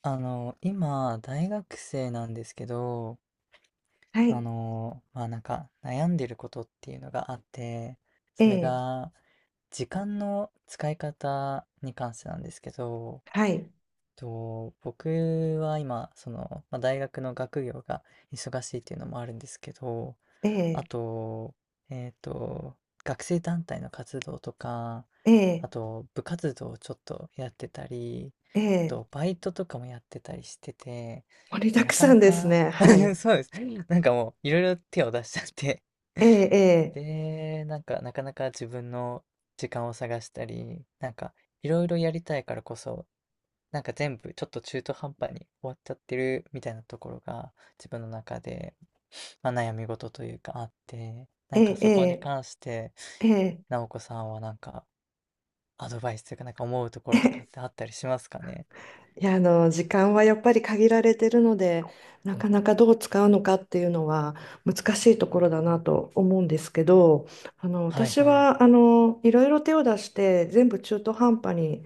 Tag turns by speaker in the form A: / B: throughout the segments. A: 今、大学生なんですけど、
B: はい。
A: まあなんか悩んでることっていうのがあって、
B: え
A: それ
B: え、
A: が時間の使い方に関してなんですけど、
B: はい。
A: と僕は今、その、まあ、大学の学業が忙しいっていうのもあるんですけど、
B: え
A: あ
B: え、
A: と、えっと、学生団体の活動とか、
B: え
A: あ
B: え、
A: と、部活動をちょっとやってたり、
B: え
A: あ
B: え、
A: と、バイトとかもやってたりしてて、
B: 盛り
A: で、
B: だく
A: なか
B: さ
A: な
B: んです
A: か
B: ね。は い。
A: そうです。なんかもう、いろいろ手を出しちゃって、
B: ええ、
A: で、なんか、なかなか自分の時間を探したり、なんか、いろいろやりたいからこそ、なんか全部ちょっと中途半端に終わっちゃってるみたいなところが自分の中で、まあ、悩み事というかあって、な
B: え
A: んか
B: え、え
A: そこに
B: え、
A: 関して
B: ええ、ええ。
A: 直子さんはなんかアドバイスというかなんか思うところとかってあったりしますかね。
B: いや、時間はやっぱり限られてるので、なかなかどう使うのかっていうのは難しいところだなと思うんですけど、
A: はい
B: 私
A: はい。
B: は、いろいろ手を出して全部中途半端に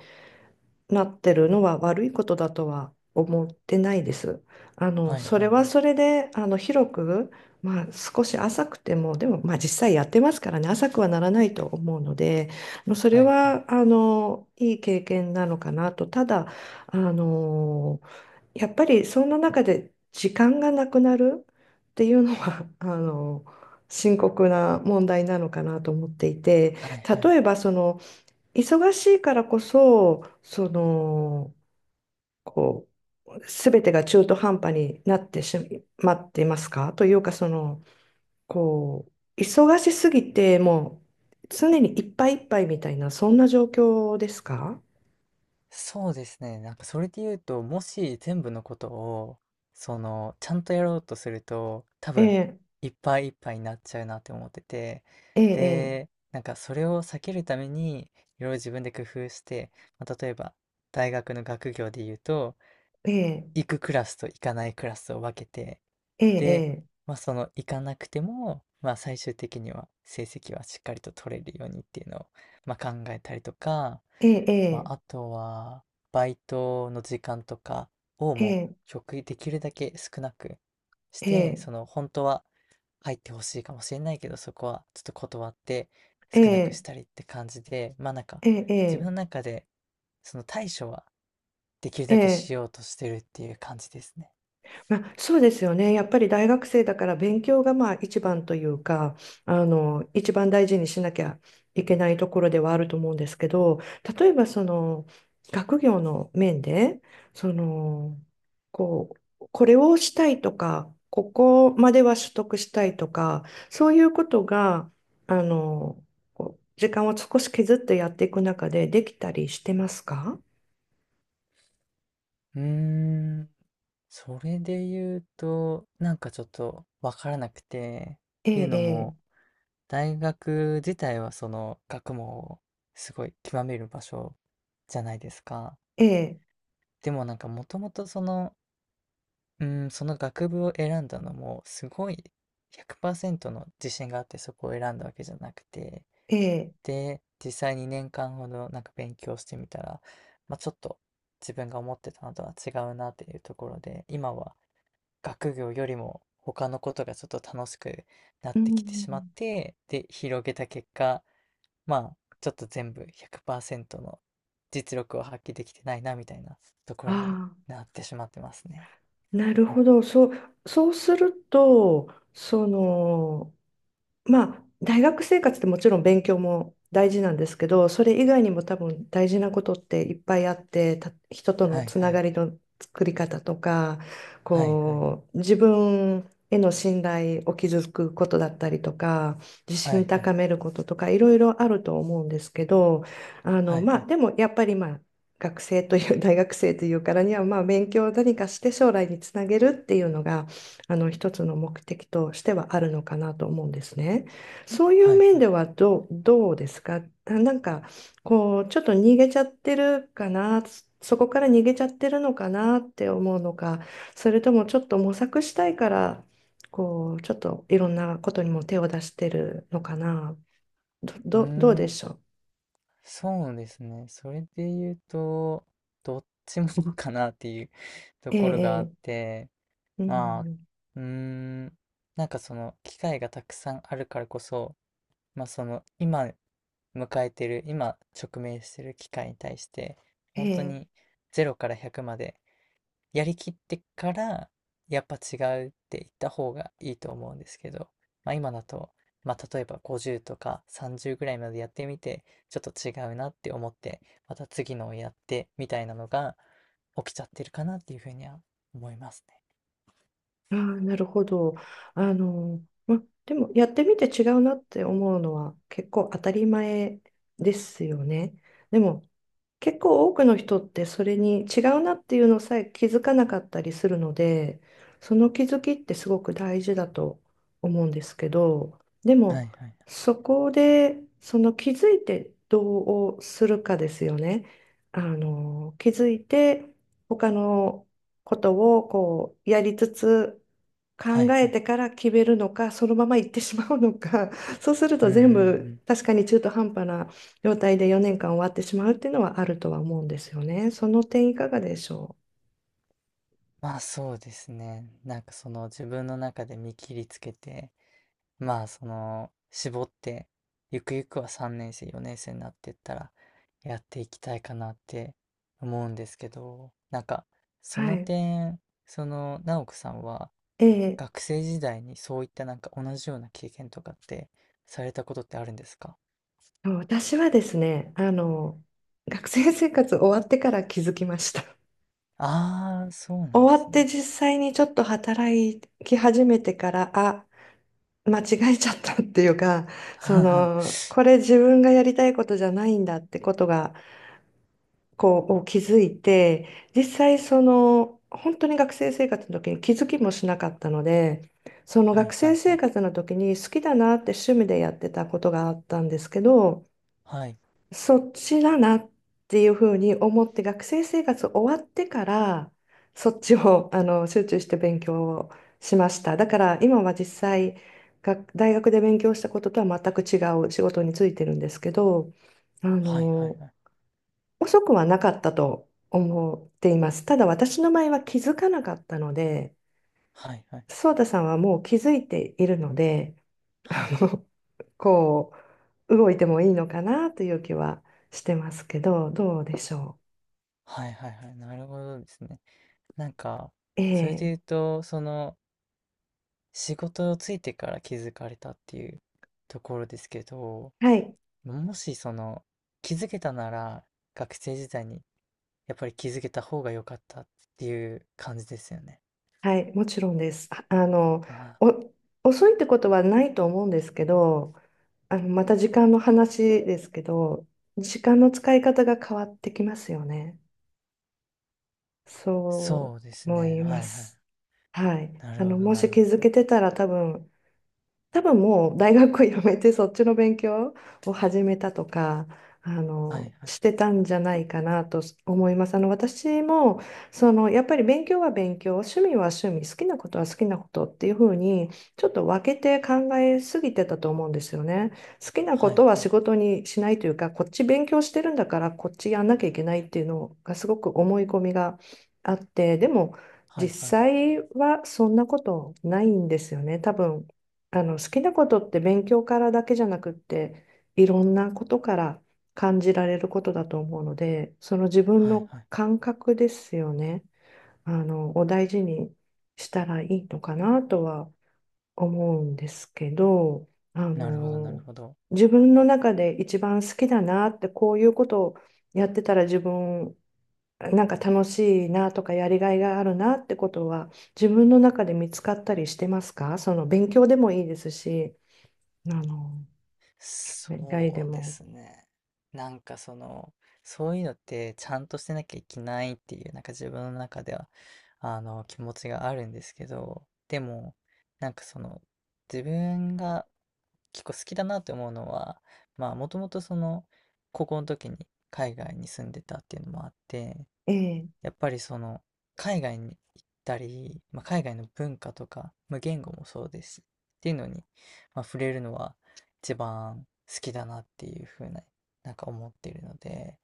B: なってるのは悪いことだとは思ってないです。
A: はい
B: そ
A: は
B: れ
A: い
B: は
A: はい。
B: それで、広く、まあ、少し浅くても、でも、まあ、実際やってますからね、浅くはならないと思うので、まあそれ
A: はいはい。
B: は、いい経験なのかなと。ただ、あの、やっぱり、そんな中で時間がなくなるっていうのは、深刻な問題なのかなと思っていて、
A: はいは
B: 例
A: い。
B: えば、忙しいからこそ、こう、すべてが中途半端になってしまっていますかというか、こう、忙しすぎて、もう、常にいっぱいいっぱいみたいな、そんな状況ですか？
A: そうですね。なんかそれで言うと、もし全部のことを、その、ちゃんとやろうとすると、多
B: え
A: 分、
B: え、
A: いっぱいいっぱいになっちゃうなって思ってて、
B: ええ、
A: で、なんかそれを避けるために、いろいろ自分で工夫して、まあ、例えば、大学の学業で言うと、
B: ええ、
A: 行くクラスと行かないクラスを分けて、
B: え
A: で、
B: え、
A: まあその行かなくても、まあ最終的には成績はしっかりと取れるようにっていうのを、まあ考えたりとか、
B: ええ、え
A: ま
B: え、
A: あ、あとは、バイトの時間とかを
B: え
A: もう
B: え、
A: 極力できるだけ少なくし
B: え
A: て、
B: え、
A: その本当は入ってほしいかもしれないけど、そこはちょっと断って
B: え
A: 少なくし
B: え、
A: たりって感じで、まあなんか
B: え
A: 自分
B: え、
A: の中でその対処はできる
B: え
A: だけ
B: え、
A: しようとしてるっていう感じですね。
B: まあ、そうですよね。やっぱり大学生だから勉強がまあ一番というか、一番大事にしなきゃいけないところではあると思うんですけど、例えばその学業の面で、その、こう、これをしたいとか、ここまでは取得したいとか、そういうことが、あの、こう時間を少し削ってやっていく中でできたりしてますか？
A: うーん、それで言うと、なんかちょっとわからなくて、っ
B: え
A: ていうの
B: え、
A: も、大学自体はその学問をすごい極める場所じゃないですか。
B: ええ、
A: でもなんかもともとその、うん、その学部を選んだのもすごい100%の自信があってそこを選んだわけじゃなくて、
B: ええ、ええ、
A: で、実際に年間ほどなんか勉強してみたら、まあ、ちょっと自分が思ってたのとは違うなっていうところで、今は学業よりも他のことがちょっと楽しくなっ
B: う
A: てきてしまっ
B: ん、
A: て、で、広げた結果、まあ、ちょっと全部100%の実力を発揮できてないなみたいなとこ
B: あ
A: ろに
B: あ。
A: なってしまってますね。
B: なるほど。そう、そうすると、その、まあ、大学生活ってもちろん勉強も大事なんですけど、それ以外にも多分大事なことっていっぱいあって、た人との
A: はい
B: つ
A: は
B: なが
A: い。
B: りの作り方とか、
A: はいはい。
B: こう、自分への信頼を築くことだったりとか、自
A: は
B: 信
A: いはい。
B: 高めることとか、いろいろあると思うんですけど、
A: はいは
B: まあ、
A: い。
B: でもやっぱりまあ、学生という、大学生というからには、まあ、勉強を何かして将来につなげるっていうのが、あの一つの目的としてはあるのかなと思うんですね。そういう
A: はい
B: 面
A: は
B: で
A: い。
B: はどう、どうですか？あなんかこうちょっと逃げちゃってるかな、そこから逃げちゃってるのかなって思うのか、それともちょっと模索したいからこうちょっといろんなことにも手を出してるのかな。
A: うー
B: どうで
A: ん、
B: しょう？
A: そうですね。それで言うと、どっちも かなっていうと
B: え
A: ころがあっ
B: えええ
A: て、
B: う
A: まあ、
B: ん、
A: うーん、なんかその機会がたくさんあるからこそ、まあその今迎えてる、今直面してる機会に対して、本当
B: え
A: に
B: え、
A: 0から100までやりきってから、やっぱ違うって言った方がいいと思うんですけど、まあ今だと、まあ例えば50とか30ぐらいまでやってみて、ちょっと違うなって思って、また次のをやってみたいなのが起きちゃってるかなっていうふうには思いますね。
B: ああ、なるほど。ま、でもやってみて違うなって思うのは結構当たり前ですよね。でも結構多くの人ってそれに違うなっていうのさえ気づかなかったりするので、その気づきってすごく大事だと思うんですけど、で
A: は
B: も
A: いはい。
B: そこでその気づいてどうするかですよね。気づいて他のことをこうやりつつ
A: は
B: 考
A: い
B: え
A: はい。
B: てから決めるのか、そのまま行ってしまうのか、そうする
A: う
B: と
A: んう
B: 全
A: んう
B: 部
A: ん。
B: 確かに中途半端な状態で4年間終わってしまうっていうのはあるとは思うんですよね。その点いかがでしょ
A: まあそうですね。なんかその自分の中で見切りつけて、まあ、その、絞って、ゆくゆくは3年生、4年生になっていったら、やっていきたいかなって思うんですけど、なんか、
B: う。
A: そ
B: は
A: の
B: い。
A: 点、その、直子さんは、
B: ええ、
A: 学生時代にそういったなんか同じような経験とかって、されたことってあるんですか？
B: 私はですね、学生生活終わってから気づきました。
A: ああー、そう なんで
B: 終わ
A: す
B: って
A: ね。
B: 実際にちょっと働き始めてから、あ、間違えちゃったっていうか、そ
A: は
B: の、これ自分がやりたいことじゃないんだってことがこうを気づいて実際その本当に学生生活の時に気づきもしなかったので、その
A: い
B: 学
A: は
B: 生
A: いは
B: 生
A: い。
B: 活の時に好きだなって趣味でやってたことがあったんですけど、
A: はい
B: そっちだなっていうふうに思って学生生活終わってからそっちをあの集中して勉強をしました。だから今は実際学大学で勉強したこととは全く違う仕事についてるんですけど、あ
A: はいはい
B: の
A: はい。
B: 遅くはなかったと思っています。ただ私の場合は気づかなかったので、
A: はいはい
B: ソータさんはもう気づいているので、
A: は
B: あ
A: い。
B: の、こう、動いてもいいのかなという気はしてますけど、どうでしょ
A: はいはいはい。なるほどですね。なんか、
B: う？え
A: それで
B: え、
A: 言うと、その、仕事をついてから気づかれたっていうところですけど、
B: はい、
A: もしその気づけたなら学生時代にやっぱり気づけた方が良かったっていう感じですよね。
B: はい、もちろんです。ああの、
A: ああ、
B: お、遅いってことはないと思うんですけど、また時間の話ですけど、時間の使い方が変わってきますよね。そ
A: そうで
B: う
A: す
B: 思
A: ね。
B: い
A: は
B: ま
A: いはい。
B: す。はい。
A: なるほど
B: も
A: な
B: し
A: る
B: 気
A: ほど。
B: づけてたら多分、多分もう大学を辞めてそっちの勉強を始めたとか、
A: はいはい。
B: してたんじゃないかなと思います。私も、やっぱり勉強は勉強、趣味は趣味、好きなことは好きなことっていうふうに、ちょっと分けて考えすぎてたと思うんですよね。好きなこ
A: はい
B: とは
A: はい。
B: 仕事にしないというか、こっち勉強してるんだから、こっちやんなきゃいけないっていうのがすごく思い込みがあって、でも、
A: は
B: 実
A: いはい。
B: 際はそんなことないんですよね。多分あの好きなことって勉強からだけじゃなくっていろんなことから感じられることだと思うので、その自分
A: はい
B: の
A: はい。
B: 感覚ですよね。を大事にしたらいいのかなとは思うんですけど、あ
A: なるほどなる
B: の
A: ほど。
B: 自分の中で一番好きだなってこういうことをやってたら自分なんか楽しいなとかやりがいがあるなってことは自分の中で見つかったりしてますか？その勉強でもいいですし。あの、それ以外で
A: そうで
B: も。
A: すね。なんかその、そういうのってちゃんとしてなきゃいけないっていう、なんか自分の中では、あの、気持ちがあるんですけど、でも、なんかその、自分が結構好きだなって思うのは、まあ、もともとその、高校の時に海外に住んでたっていうのもあって、
B: ええ、
A: やっぱりその海外に行ったり、まあ、海外の文化とか、まあ、言語もそうですしっていうのに、まあ、触れるのは一番好きだなっていうふうな、なんか思っているので、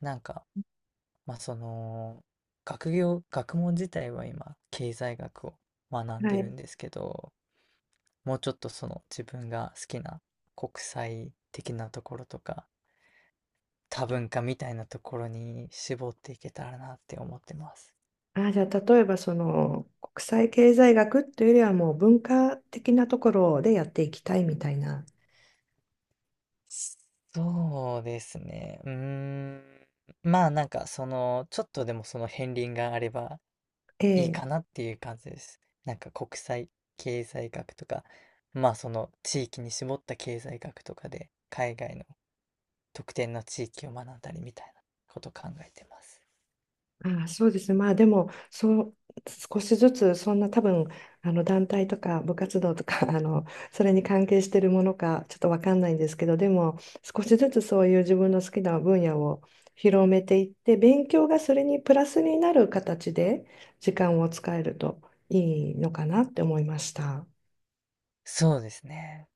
A: なんか、まあ、その学業、学問自体は今経済学を学ん
B: は
A: でる
B: い。
A: んですけど、もうちょっとその自分が好きな国際的なところとか多文化みたいなところに絞っていけたらなって思ってます。
B: あ、じゃあ、例えば、国際経済学というよりは、もう文化的なところでやっていきたいみたいな。
A: そうですね。うーん。まあなんかその、ちょっとでもその片鱗があればいい
B: え
A: か
B: え、
A: なっていう感じです。なんか国際経済学とか、まあその地域に絞った経済学とかで海外の特定の地域を学んだりみたいなこと考えてます。
B: ああ、そうですね。まあでも、そう、少しずつ、そんな多分、団体とか部活動とか、それに関係してるものか、ちょっとわかんないんですけど、でも、少しずつそういう自分の好きな分野を広めていって、勉強がそれにプラスになる形で時間を使えるといいのかなって思いました。
A: そうですね。